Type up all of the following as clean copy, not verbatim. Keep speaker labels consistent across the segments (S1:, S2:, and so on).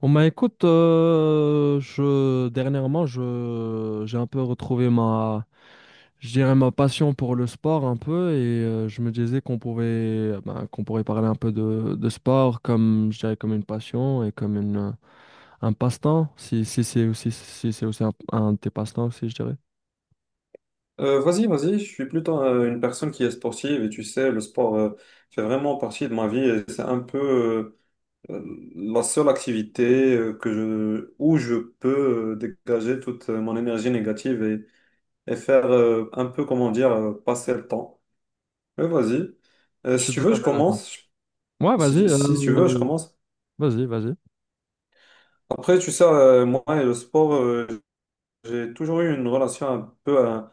S1: Bon bah écoute, je dernièrement je j'ai un peu retrouvé ma je dirais ma passion pour le sport un peu. Et je me disais qu'on pouvait qu'on pourrait parler un peu de sport comme je dirais, comme une passion et comme une un passe-temps, si c'est aussi, si c'est aussi un de tes passe-temps aussi, je dirais.
S2: Vas-y, vas-y, je suis plutôt une personne qui est sportive et, tu sais, le sport fait vraiment partie de ma vie et c'est un peu la seule activité où je peux dégager toute mon énergie négative et faire un peu, comment dire, passer le temps. Mais vas-y.
S1: Je
S2: Si
S1: suis
S2: tu
S1: tout
S2: veux,
S1: à
S2: je
S1: fait d'accord.
S2: commence.
S1: Ouais, vas-y,
S2: Si, si tu veux, je commence.
S1: vas-y.
S2: Après, tu sais, moi et le sport, j'ai toujours eu une relation un peu, hein,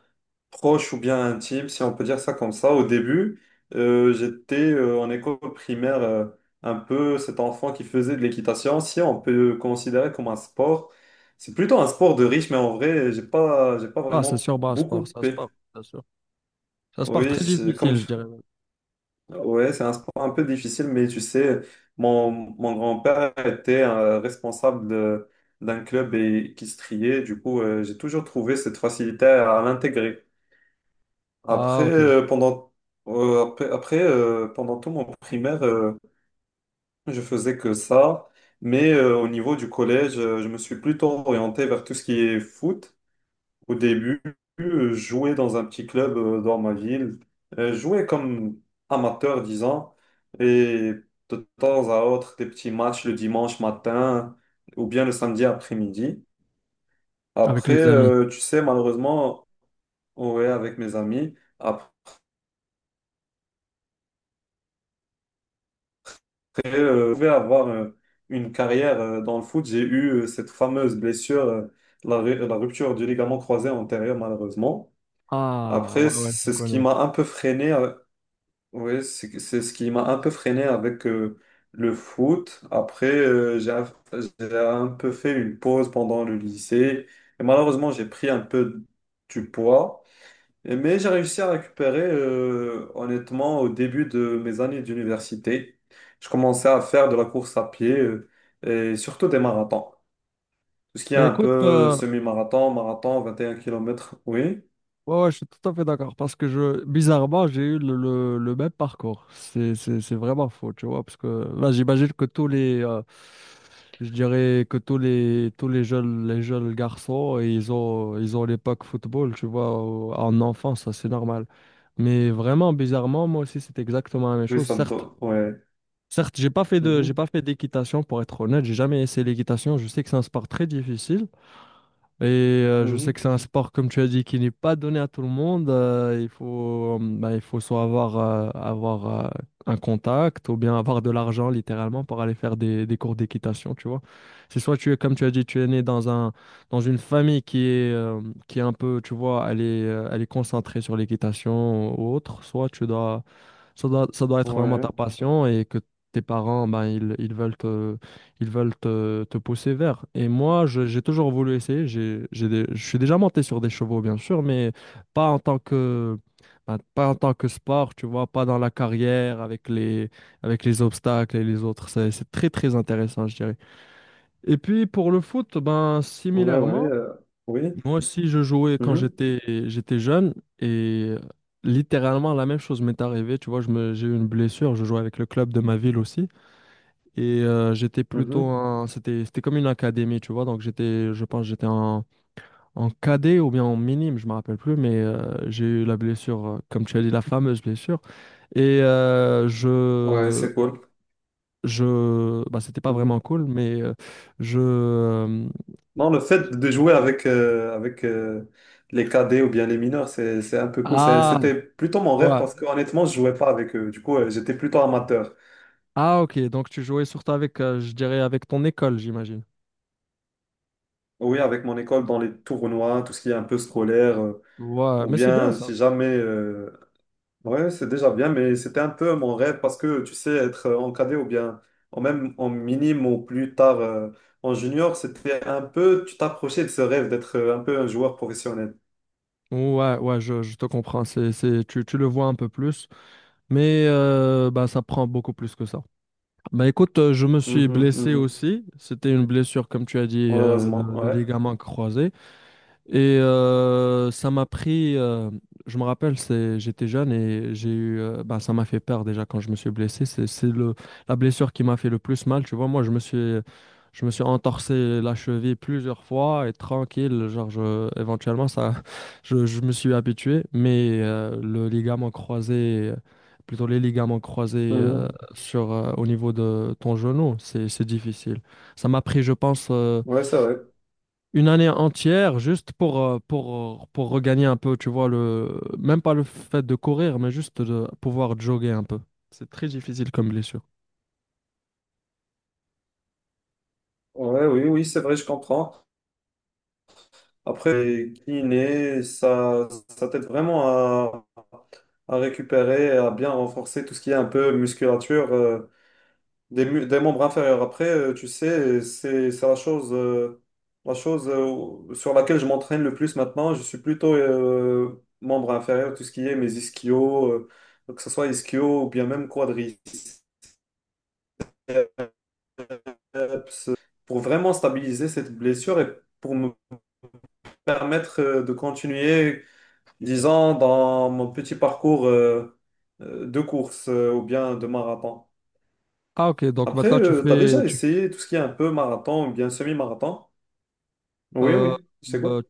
S2: proche ou bien intime, si on peut dire ça comme ça. Au début, j'étais en école primaire, un peu cet enfant qui faisait de l'équitation, si on peut le considérer comme un sport. C'est plutôt un sport de riche, mais en vrai, j'ai pas
S1: Ah, c'est
S2: vraiment
S1: sûr, bah,
S2: beaucoup
S1: sport, ça se
S2: coupé.
S1: porte, c'est sûr. Ça se porte
S2: Oui,
S1: très
S2: c'est comme,
S1: difficile, je dirais. Même.
S2: ouais, c'est un sport un peu difficile, mais tu sais, mon grand-père était d'un club, et qui se triait. Du coup, j'ai toujours trouvé cette facilité à l'intégrer. Après,
S1: Ah, ok.
S2: pendant, après, après, Pendant tout mon primaire, je faisais que ça. Mais au niveau du collège, je me suis plutôt orienté vers tout ce qui est foot. Au début, je jouais dans un petit club dans ma ville. Je jouais comme amateur, disons, et de temps à autre, des petits matchs le dimanche matin ou bien le samedi après-midi.
S1: Avec
S2: Après,
S1: les amis.
S2: tu sais, malheureusement, ouais, avec mes amis. Après, je pouvais avoir une carrière dans le foot. J'ai eu cette fameuse blessure, la rupture du ligament croisé antérieur, malheureusement.
S1: Ah,
S2: Après,
S1: ouais, ouais, je
S2: c'est ce qui
S1: connais.
S2: m'a un peu freiné oui, c'est ce qui m'a un peu freiné avec le foot. Après, j'ai un peu fait une pause pendant le lycée. Et malheureusement, j'ai pris un peu du poids. Et- mais j'ai réussi à récupérer, honnêtement, au début de mes années d'université. Je commençais à faire de la course à pied, et surtout des marathons. Tout ce qui est
S1: Bah,
S2: un
S1: écoute,
S2: peu semi-marathon, marathon, 21 kilomètres. Oui,
S1: ouais, ouais, je suis tout à fait d'accord. Parce que bizarrement, j'ai eu le même parcours. C'est vraiment faux, tu vois. Parce que là, j'imagine que tous je dirais que tous tous les jeunes garçons, ils ont l'époque football, tu vois, en enfance, ça, c'est normal. Mais vraiment, bizarrement, moi aussi, c'est exactement la même
S2: oui,
S1: chose.
S2: ça me...
S1: Certes,
S2: do- ouais.
S1: certes, j'ai pas j'ai
S2: Mhm,
S1: pas fait d'équitation, pour être honnête. J'ai jamais essayé l'équitation, je sais que c'est un sport très difficile, et je sais
S2: mhm.
S1: que c'est un sport, comme tu as dit, qui n'est pas donné à tout le monde. Bah, il faut soit avoir, avoir un contact, ou bien avoir de l'argent littéralement pour aller faire des cours d'équitation, tu vois. C'est soit tu es, comme tu as dit, tu es né dans une famille qui est un peu, tu vois, elle est concentrée sur l'équitation ou autre, soit tu dois, ça doit être vraiment ta
S2: Ouais,
S1: passion, et que tes parents, ben, ils veulent, ils veulent te pousser vers. Et moi, j'ai toujours voulu essayer. Je suis déjà monté sur des chevaux, bien sûr, mais pas en tant que, ben, pas en tant que sport, tu vois, pas dans la carrière avec avec les obstacles et les autres. C'est très, très intéressant, je dirais. Et puis, pour le foot, ben,
S2: ouais, ouais.
S1: similairement,
S2: Oui.
S1: moi aussi, je jouais quand
S2: Mhm,
S1: j'étais jeune. Et littéralement, la même chose m'est arrivée. Tu vois, j'ai eu une blessure. Je jouais avec le club de ma ville aussi. Et j'étais plutôt
S2: mhm.
S1: un... C'était, c'était comme une académie, tu vois. Donc j'étais, je pense, que en cadet ou bien en minime, je me rappelle plus. Mais j'ai eu la blessure, comme tu as dit, la fameuse blessure. Et
S2: Ouais, c'est cool.
S1: je... Bah, c'était pas vraiment
S2: Mhm.
S1: cool, mais je... euh,
S2: Non, le fait de jouer avec, les cadets ou bien les mineurs, c'est un peu cool. C'est-
S1: ah,
S2: c'était plutôt mon rêve
S1: ouais.
S2: parce que, honnêtement, je jouais pas avec eux. Du coup, j'étais plutôt amateur.
S1: Ah, ok. Donc tu jouais surtout avec, je dirais, avec ton école, j'imagine.
S2: Oui, avec mon école dans les tournois, tout ce qui est un peu scolaire,
S1: Ouais,
S2: ou
S1: mais c'est bien
S2: bien
S1: ça.
S2: si jamais... ouais, c'est déjà bien, mais c'était un peu mon rêve parce que, tu sais, être en cadet ou bien en même en minime ou plus tard en junior, c'était un peu... Tu t'approchais de ce rêve d'être un peu un joueur professionnel.
S1: Ouais, ouais, je te comprends. Tu le vois un peu plus, mais bah, ça prend beaucoup plus que ça. Bah écoute, je me suis
S2: Mhm,
S1: blessé
S2: mhm.
S1: aussi. C'était une blessure, comme tu as dit,
S2: Malheureusement,
S1: de
S2: ouais.
S1: ligament croisé. Et ça m'a pris, je me rappelle, c'est, j'étais jeune et j'ai eu, ben, ça m'a fait peur déjà quand je me suis blessé. C'est le, la blessure qui m'a fait le plus mal. Tu vois, moi, je me suis entorsé la cheville plusieurs fois, et tranquille, genre, je, éventuellement, ça, je me suis habitué. Mais le ligament croisé, plutôt les ligaments croisés
S2: Mhm.
S1: au niveau de ton genou, c'est difficile. Ça m'a pris, je pense.
S2: Ouais, c'est vrai.
S1: Une année entière juste pour regagner un peu, tu vois, le, même pas le fait de courir, mais juste de pouvoir jogger un peu. C'est très difficile comme blessure.
S2: Ouais, oui, oui, c'est vrai, je comprends. Après, kiné, ça t'aide vraiment à récupérer, à bien renforcer tout ce qui est un peu musculature des membres inférieurs. Après, tu sais, c'est la chose sur laquelle je m'entraîne le plus maintenant. Je suis plutôt membre inférieur, tout ce qui est mes ischios, que ce soit ischio ou bien même quadriceps, biceps, pour vraiment stabiliser cette blessure et pour me permettre de continuer, disons, dans mon petit parcours de course ou bien de marathon.
S1: Ah ok, donc
S2: Après,
S1: maintenant tu
S2: tu as
S1: fais...
S2: déjà essayé tout ce qui est un peu marathon ou bien semi-marathon? Oui,
S1: Euh,
S2: oui, c'est cool.
S1: euh,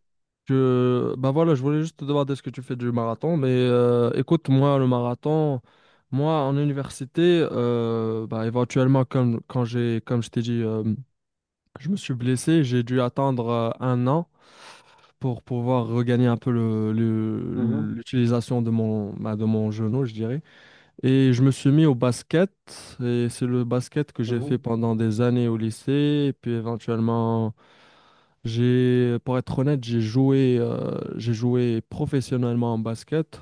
S1: ben voilà, je voulais juste te demander ce que tu fais du marathon, mais écoute, moi, le marathon, moi, en université, bah, éventuellement, comme, comme je t'ai dit, je me suis blessé, j'ai dû attendre un an pour pouvoir regagner un peu
S2: Mhm,
S1: l'utilisation de mon, bah, de mon genou, je dirais. Et je me suis mis au basket, et c'est le basket que j'ai fait
S2: mhm,
S1: pendant des années au lycée, et puis éventuellement, pour être honnête, j'ai joué professionnellement en basket.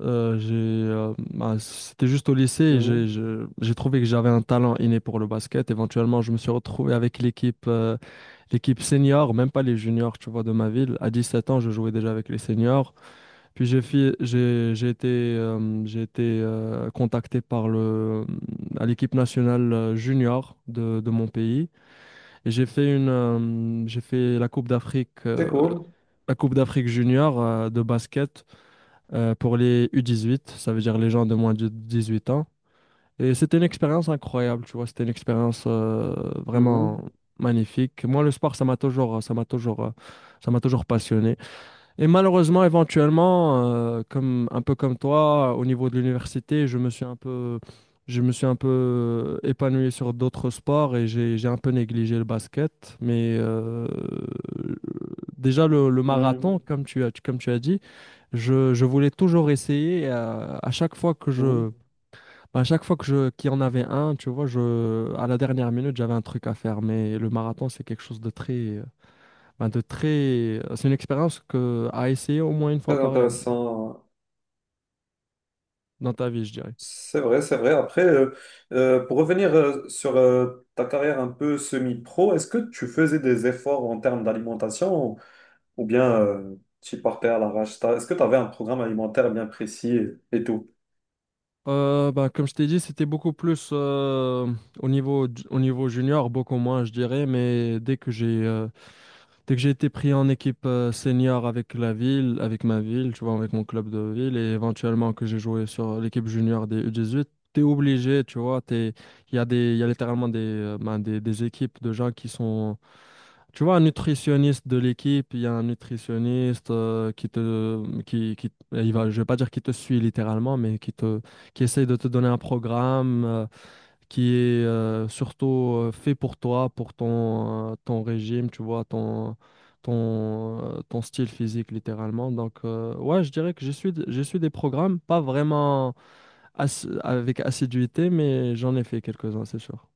S1: Bah, c'était juste au lycée, et
S2: mhm.
S1: j'ai trouvé que j'avais un talent inné pour le basket. Éventuellement, je me suis retrouvé avec l'équipe senior, même pas les juniors, tu vois, de ma ville. À 17 ans, je jouais déjà avec les seniors. Puis j'ai été contacté par le à l'équipe nationale junior de mon pays, et j'ai fait
S2: C'est cool.
S1: la Coupe d'Afrique junior de basket pour les U18, ça veut dire les gens de moins de 18 ans. Et c'était une expérience incroyable, tu vois, c'était une expérience
S2: Mhm,
S1: vraiment magnifique. Moi, le sport, ça m'a toujours passionné. Et malheureusement, éventuellement, comme un peu comme toi, au niveau de l'université, je me suis un peu épanoui sur d'autres sports, et j'ai un peu négligé le basket. Mais déjà le marathon,
S2: mhm,
S1: comme tu as dit, je voulais toujours essayer.
S2: mhm.
S1: À chaque fois que je, qu'il y en avait un, tu vois, je, à la dernière minute, j'avais un truc à faire. Mais le marathon, c'est quelque chose de très, de très... c'est une expérience que... à essayer au moins une fois
S2: Très
S1: par heure
S2: intéressant.
S1: dans ta vie, je dirais.
S2: C'est vrai, c'est vrai. Après, pour revenir sur ta carrière un peu semi-pro, est-ce que tu faisais des efforts en termes d'alimentation, ou bien tu partais à l'arrache? T'as- est-ce que tu avais un programme alimentaire bien précis et tout?
S1: Ben, comme je t'ai dit, c'était beaucoup plus au niveau junior, beaucoup moins, je dirais, mais dès que j'ai été pris en équipe senior avec la ville, avec ma ville, tu vois, avec mon club de ville, et éventuellement que j'ai joué sur l'équipe junior des U18, t'es obligé, tu vois, t'es, il y a des, il y a littéralement des, des équipes de gens qui sont, tu vois, un nutritionniste de l'équipe, il y a un nutritionniste qui te, il va, je vais pas dire qui te suit littéralement, mais qui te, qui essaye de te donner un programme. Qui est surtout fait pour toi, pour ton, ton régime, tu vois, ton style physique littéralement. Donc, ouais, je dirais que je suis des programmes, pas vraiment avec assiduité, mais j'en ai fait quelques-uns, c'est sûr.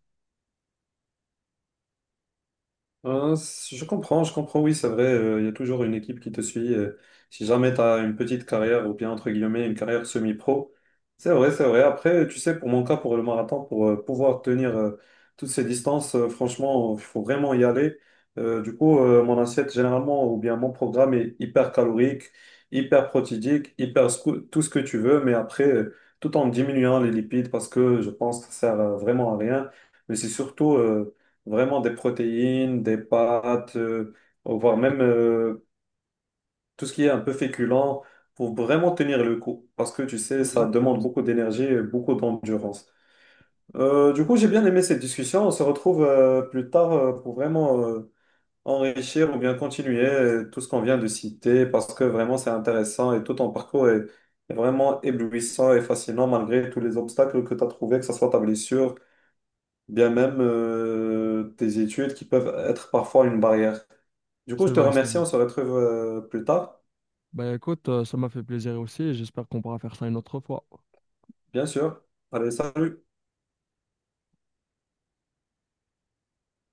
S2: Je comprends, je comprends, oui, c'est vrai, il y a toujours une équipe qui te suit si jamais tu as une petite carrière, ou bien, entre guillemets, une carrière semi-pro. C'est vrai, c'est vrai. Après, tu sais, pour mon cas, pour le marathon, pour pouvoir tenir toutes ces distances, franchement, il faut vraiment y aller. Mon assiette, généralement, ou bien mon programme, est hyper calorique, hyper protidique, tout ce que tu veux, mais après, tout en diminuant les lipides, parce que je pense que ça sert vraiment à rien. Mais c'est surtout vraiment des protéines, des pâtes, voire
S1: E-
S2: même tout ce qui est un peu féculent, pour vraiment tenir le coup. Parce que tu sais, ça demande
S1: Exactement.
S2: beaucoup d'énergie et beaucoup d'endurance. Du coup, j'ai bien aimé cette discussion. On se retrouve plus tard pour vraiment enrichir ou bien continuer tout ce qu'on vient de citer, parce que vraiment c'est intéressant et tout ton parcours est, est vraiment éblouissant et fascinant malgré tous les obstacles que tu as trouvés, que ce soit ta blessure bien même tes études qui peuvent être parfois une barrière. Du coup,
S1: C'est
S2: je te
S1: vrai,
S2: remercie,
S1: Samy.
S2: on se retrouve plus tard,
S1: Ben écoute, ça m'a fait plaisir aussi, et j'espère qu'on pourra faire ça une autre fois.
S2: bien sûr. Allez, salut.